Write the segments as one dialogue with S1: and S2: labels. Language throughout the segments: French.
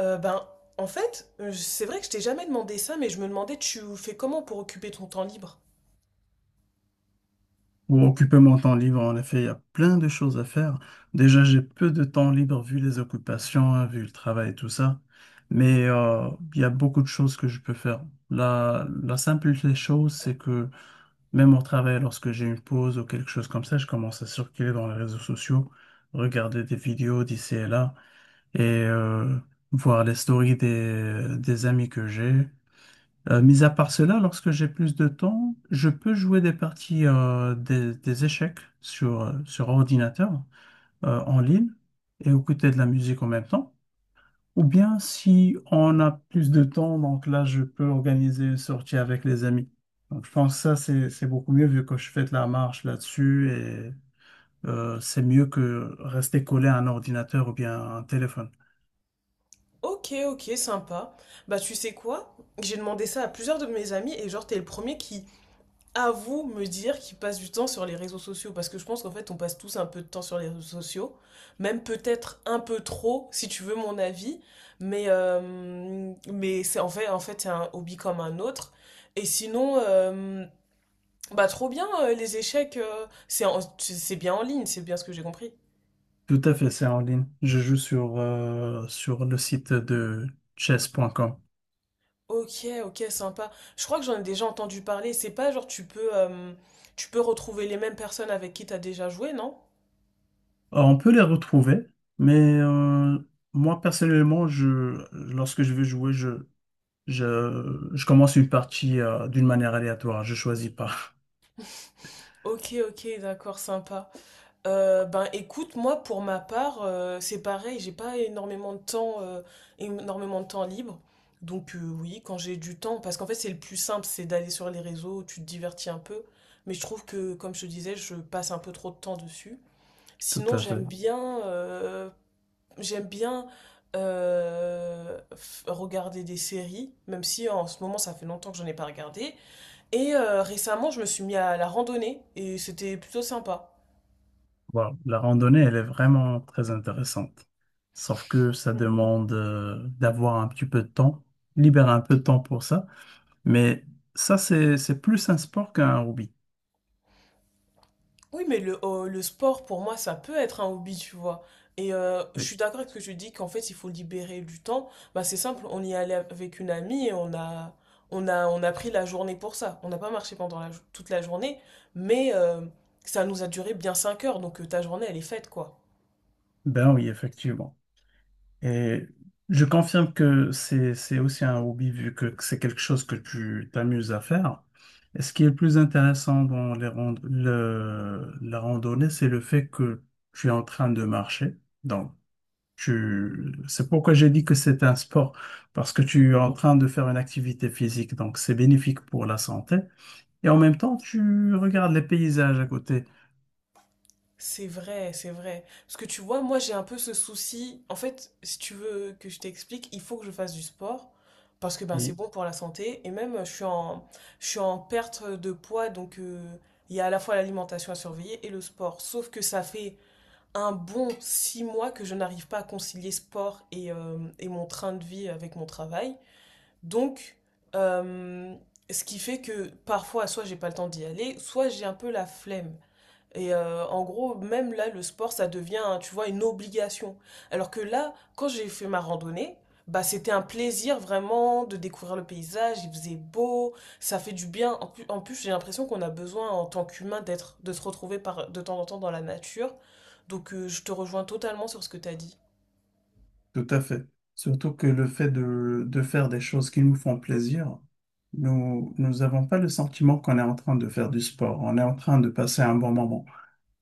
S1: Euh, ben, en fait, c'est vrai que je t'ai jamais demandé ça, mais je me demandais tu fais comment pour occuper ton temps libre?
S2: Pour occuper mon temps libre, en effet, il y a plein de choses à faire. Déjà, j'ai peu de temps libre vu les occupations, hein, vu le travail et tout ça. Mais il y a beaucoup de choses que je peux faire. La simple des choses, c'est que même au travail, lorsque j'ai une pause ou quelque chose comme ça, je commence à circuler dans les réseaux sociaux, regarder des vidéos d'ici et là et voir les stories des amis que j'ai. Mis à part cela, lorsque j'ai plus de temps, je peux jouer des parties des échecs sur sur ordinateur en ligne et écouter de la musique en même temps. Ou bien si on a plus de temps, donc là, je peux organiser une sortie avec les amis. Donc, je pense que ça, c'est beaucoup mieux vu que je fais de la marche là-dessus et c'est mieux que rester collé à un ordinateur ou bien à un téléphone.
S1: Ok, ok, sympa. Bah tu sais quoi? J'ai demandé ça à plusieurs de mes amis et genre t'es le premier qui avoue me dire qu'il passe du temps sur les réseaux sociaux parce que je pense qu'en fait on passe tous un peu de temps sur les réseaux sociaux, même peut-être un peu trop si tu veux mon avis, mais c'est en fait c'est un hobby comme un autre. Et sinon, bah trop bien, les échecs, c'est bien en ligne, c'est bien ce que j'ai compris.
S2: Tout à fait, c'est en ligne. Je joue sur sur le site de chess.com.
S1: Ok, ok, sympa. Je crois que j'en ai déjà entendu parler. C'est pas genre tu peux retrouver les mêmes personnes avec qui t'as déjà joué, non?
S2: On peut les retrouver, mais moi personnellement, lorsque je veux jouer, je commence une partie d'une manière aléatoire, je choisis pas.
S1: Ok, ok, d'accord, sympa. Ben écoute, moi pour ma part, c'est pareil, j'ai pas énormément de temps, énormément de temps libre. Donc oui, quand j'ai du temps, parce qu'en fait c'est le plus simple, c'est d'aller sur les réseaux, tu te divertis un peu. Mais je trouve que, comme je te disais, je passe un peu trop de temps dessus.
S2: Tout
S1: Sinon,
S2: à
S1: j'aime
S2: fait.
S1: bien, j'aime bien regarder des séries, même si en ce moment ça fait longtemps que j'en ai pas regardé. Et récemment, je me suis mis à la randonnée et c'était plutôt sympa.
S2: Voilà, la randonnée, elle est vraiment très intéressante. Sauf que ça demande d'avoir un petit peu de temps, libérer un peu de temps pour ça. Mais ça, c'est plus un sport qu'un hobby.
S1: Oui, mais le sport, pour moi, ça peut être un hobby, tu vois. Et je
S2: Oui.
S1: suis d'accord avec ce que tu dis, qu'en fait, il faut libérer du temps. Bah, c'est simple, on y allait avec une amie et on a pris la journée pour ça. On n'a pas marché pendant toute la journée, mais euh, ça nous a duré bien 5 heures, donc ta journée, elle est faite, quoi.
S2: Ben oui, effectivement. Et je confirme que c'est aussi un hobby vu que c'est quelque chose que tu t'amuses à faire. Et ce qui est le plus intéressant dans la randonnée, c'est le fait que tu es en train de marcher. Donc, c'est pourquoi j'ai dit que c'est un sport, parce que tu es en train de faire une activité physique, donc c'est bénéfique pour la santé. Et en même temps, tu regardes les paysages à côté.
S1: C'est vrai, c'est vrai. Parce que tu vois, moi j'ai un peu ce souci. En fait, si tu veux que je t'explique, il faut que je fasse du sport parce que ben c'est
S2: Oui,
S1: bon pour la santé et même je suis en perte de poids donc il y a à la fois l'alimentation à surveiller et le sport. Sauf que ça fait un bon 6 mois que je n'arrive pas à concilier sport et mon train de vie avec mon travail. Donc euh, ce qui fait que parfois soit j'ai pas le temps d'y aller, soit j'ai un peu la flemme. Et en gros, même là, le sport, ça devient, tu vois, une obligation. Alors que là, quand j'ai fait ma randonnée, bah, c'était un plaisir vraiment de découvrir le paysage, il faisait beau, ça fait du bien. En plus, j'ai l'impression qu'on a besoin en tant qu'humain d'être, de se retrouver par, de temps en temps dans la nature. Donc, je te rejoins totalement sur ce que tu as dit.
S2: tout à fait. Surtout que le fait de faire des choses qui nous font plaisir, nous n'avons pas le sentiment qu'on est en train de faire du sport, on est en train de passer un bon moment.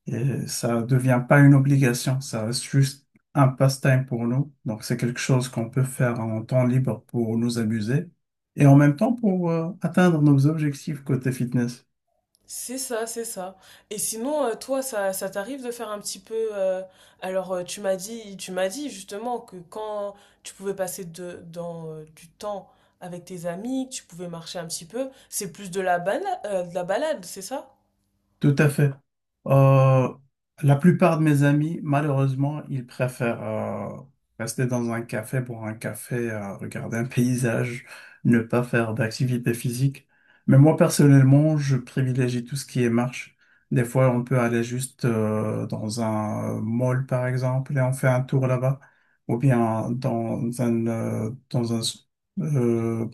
S2: Et ça ne devient pas une obligation, ça reste juste un passe-temps pour nous. Donc, c'est quelque chose qu'on peut faire en temps libre pour nous amuser et en même temps pour atteindre nos objectifs côté fitness.
S1: C'est ça, c'est ça. Et sinon, toi, ça t'arrive de faire un petit peu. Alors, tu m'as dit justement que quand tu pouvais passer du temps avec tes amis, que tu pouvais marcher un petit peu, c'est plus de de la balade, c'est ça?
S2: Tout à fait. Euh, la plupart de mes amis, malheureusement, ils préfèrent rester dans un café pour un café, regarder un paysage, ne pas faire d'activité physique. Mais moi, personnellement, je privilégie tout ce qui est marche. Des fois, on peut aller juste dans un mall, par exemple, et on fait un tour là-bas. Ou bien dans un, dans un, euh,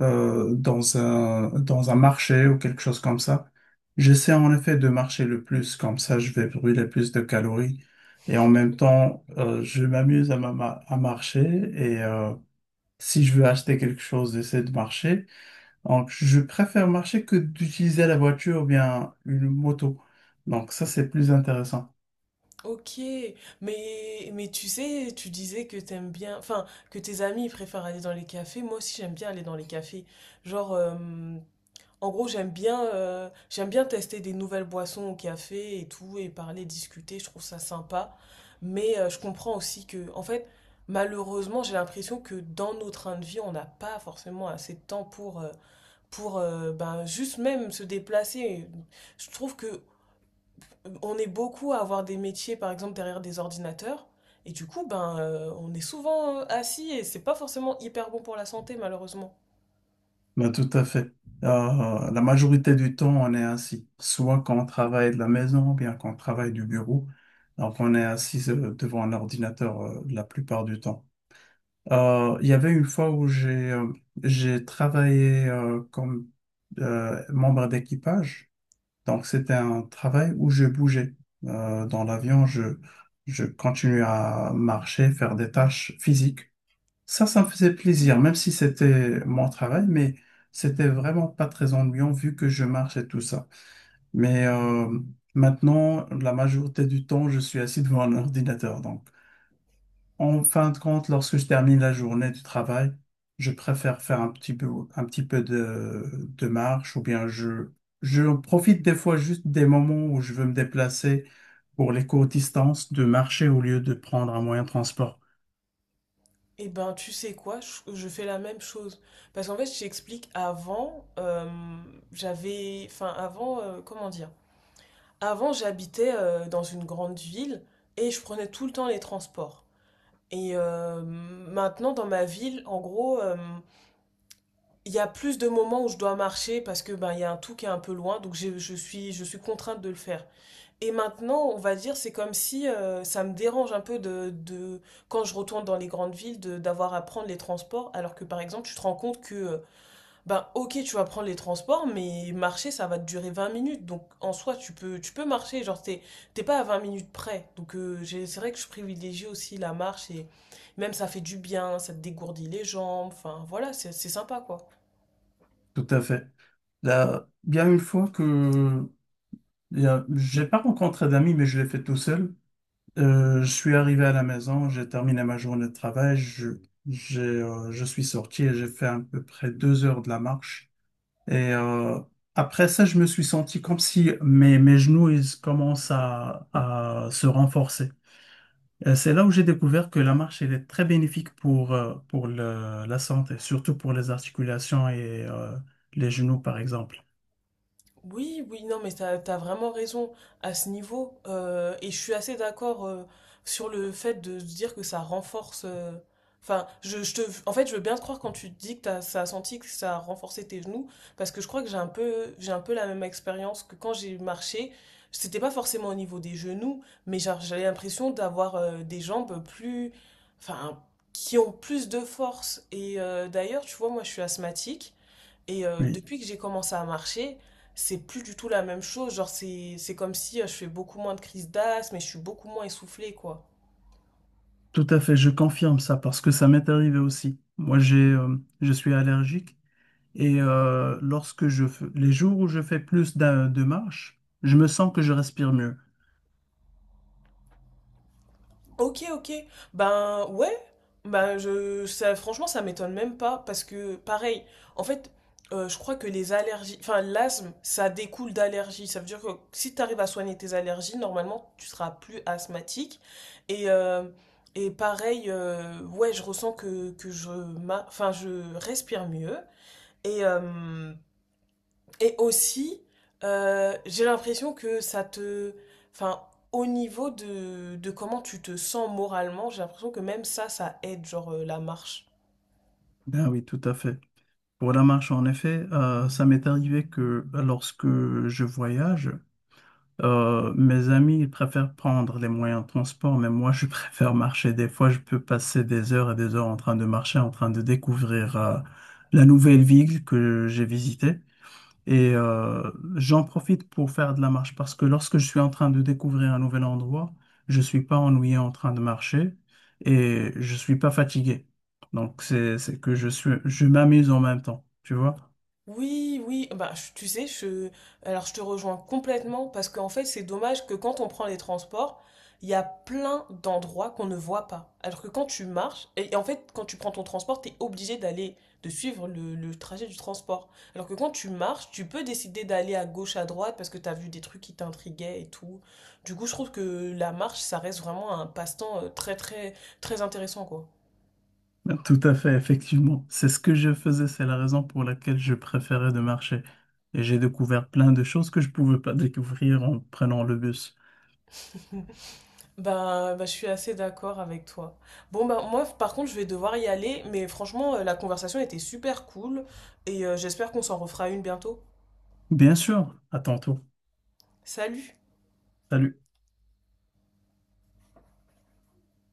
S2: dans un, dans un marché ou quelque chose comme ça. J'essaie en effet de marcher le plus, comme ça je vais brûler plus de calories. Et en même temps, je m'amuse à, à marcher et si je veux acheter quelque chose, j'essaie de marcher. Donc je préfère marcher que d'utiliser la voiture ou bien une moto. Donc ça, c'est plus intéressant.
S1: Ok. Mais tu sais, tu disais que t'aimes bien, enfin, que tes amis préfèrent aller dans les cafés. Moi aussi, j'aime bien aller dans les cafés. Genre, en gros, j'aime bien tester des nouvelles boissons au café et tout, et parler, discuter, je trouve ça sympa. Mais je comprends aussi que, en fait, malheureusement, j'ai l'impression que dans nos trains de vie, on n'a pas forcément assez de temps pour, pour ben, juste même se déplacer. Je trouve que on est beaucoup à avoir des métiers, par exemple, derrière des ordinateurs. Et du coup, ben, on est souvent assis et c'est pas forcément hyper bon pour la santé, malheureusement.
S2: Ben, tout à fait. La majorité du temps, on est assis, soit quand on travaille de la maison, ou bien quand on travaille du bureau. Donc, on est assis devant un ordinateur la plupart du temps. Il y avait une fois où j'ai travaillé comme membre d'équipage. Donc, c'était un travail où je bougeais. Dans l'avion, je continuais à marcher, faire des tâches physiques. Ça me faisait plaisir, même si c'était mon travail, mais c'était vraiment pas très ennuyant vu que je marche et tout ça. Mais maintenant, la majorité du temps, je suis assis devant un ordinateur. Donc, en fin de compte, lorsque je termine la journée du travail, je préfère faire un petit peu de marche ou bien je profite des fois juste des moments où je veux me déplacer pour les courtes distances de marcher au lieu de prendre un moyen de transport.
S1: Eh ben, tu sais quoi, je fais la même chose. Parce qu'en fait, je t'explique, avant, j'avais... Enfin, avant, comment dire? Avant, j'habitais dans une grande ville et je prenais tout le temps les transports. Et maintenant, dans ma ville, en gros, il y a plus de moments où je dois marcher parce que ben, il y a un tout qui est un peu loin, donc je suis contrainte de le faire. Et maintenant, on va dire, c'est comme si ça me dérange un peu quand je retourne dans les grandes villes, d'avoir à prendre les transports, alors que par exemple, tu te rends compte que, ben ok, tu vas prendre les transports, mais marcher, ça va te durer 20 minutes. Donc en soi, tu peux marcher, genre t'es, t'es pas à 20 minutes près. Donc c'est vrai que je privilégie aussi la marche et même ça fait du bien, ça te dégourdit les jambes, enfin voilà, c'est sympa quoi.
S2: Tout à fait. Là, il y a une fois que il y a- j'ai pas rencontré d'amis, mais je l'ai fait tout seul. Je suis arrivé à la maison, j'ai terminé ma journée de travail, je suis sorti et j'ai fait à peu près deux heures de la marche. Et après ça, je me suis senti comme si mes genoux ils commencent à se renforcer. Et c'est là où j'ai découvert que la marche elle est très bénéfique pour la santé, surtout pour les articulations et les genoux, par exemple.
S1: Oui, oui, non, mais t'as, t'as vraiment raison à ce niveau. Et je suis assez d'accord sur le fait de se dire que ça renforce. Enfin, en fait, je veux bien te croire quand tu te dis que t'as, ça a senti que ça a renforcé tes genoux, parce que je crois que j'ai un peu la même expérience que quand j'ai marché. C'était pas forcément au niveau des genoux, mais genre, j'avais l'impression d'avoir des jambes plus, enfin, qui ont plus de force. Et d'ailleurs, tu vois, moi, je suis asthmatique. Et
S2: Oui.
S1: depuis que j'ai commencé à marcher, c'est plus du tout la même chose. Genre, c'est comme si je fais beaucoup moins de crises d'asthme et je suis beaucoup moins essoufflée, quoi.
S2: Tout à fait, je confirme ça parce que ça m'est arrivé aussi. Moi, je suis allergique et lorsque je fais, les jours où je fais plus de marche, je me sens que je respire mieux.
S1: Ok, ok. Ben ouais. Ben je, ça, franchement, ça m'étonne même pas parce que, pareil, en fait, je crois que les allergies, enfin, l'asthme, ça découle d'allergies. Ça veut dire que si tu arrives à soigner tes allergies, normalement, tu seras plus asthmatique. Et, euh, et pareil, ouais, je ressens que, enfin, je respire mieux. Et, euh, et aussi, j'ai l'impression que ça te... Enfin, au niveau de comment tu te sens moralement, j'ai l'impression que même ça, ça aide, genre la marche.
S2: Ben oui, tout à fait. Pour la marche, en effet, ça m'est arrivé que lorsque je voyage, mes amis ils préfèrent prendre les moyens de transport, mais moi, je préfère marcher. Des fois, je peux passer des heures et des heures en train de marcher, en train de découvrir la nouvelle ville que j'ai visitée. Et j'en profite pour faire de la marche parce que lorsque je suis en train de découvrir un nouvel endroit, je suis pas ennuyé en train de marcher et je suis pas fatigué. Donc c'est que je suis je m'amuse en même temps, tu vois?
S1: Oui, oui, bah, tu sais, je, alors je te rejoins complètement parce qu'en fait, c'est dommage que quand on prend les transports, il y a plein d'endroits qu'on ne voit pas. Alors que quand tu marches, et en fait, quand tu prends ton transport, tu es obligé d'aller, de suivre le trajet du transport. Alors que quand tu marches, tu peux décider d'aller à gauche, à droite parce que tu as vu des trucs qui t'intriguaient et tout. Du coup, je trouve que la marche, ça reste vraiment un passe-temps très, très, très intéressant, quoi.
S2: Tout à fait, effectivement. C'est ce que je faisais, c'est la raison pour laquelle je préférais de marcher. Et j'ai découvert plein de choses que je pouvais pas découvrir en prenant le bus.
S1: Bah, bah, je suis assez d'accord avec toi. Bon, bah, moi, par contre, je vais devoir y aller, mais franchement, la conversation était super cool et j'espère qu'on s'en refera une bientôt.
S2: Bien sûr, à tantôt.
S1: Salut!
S2: Salut.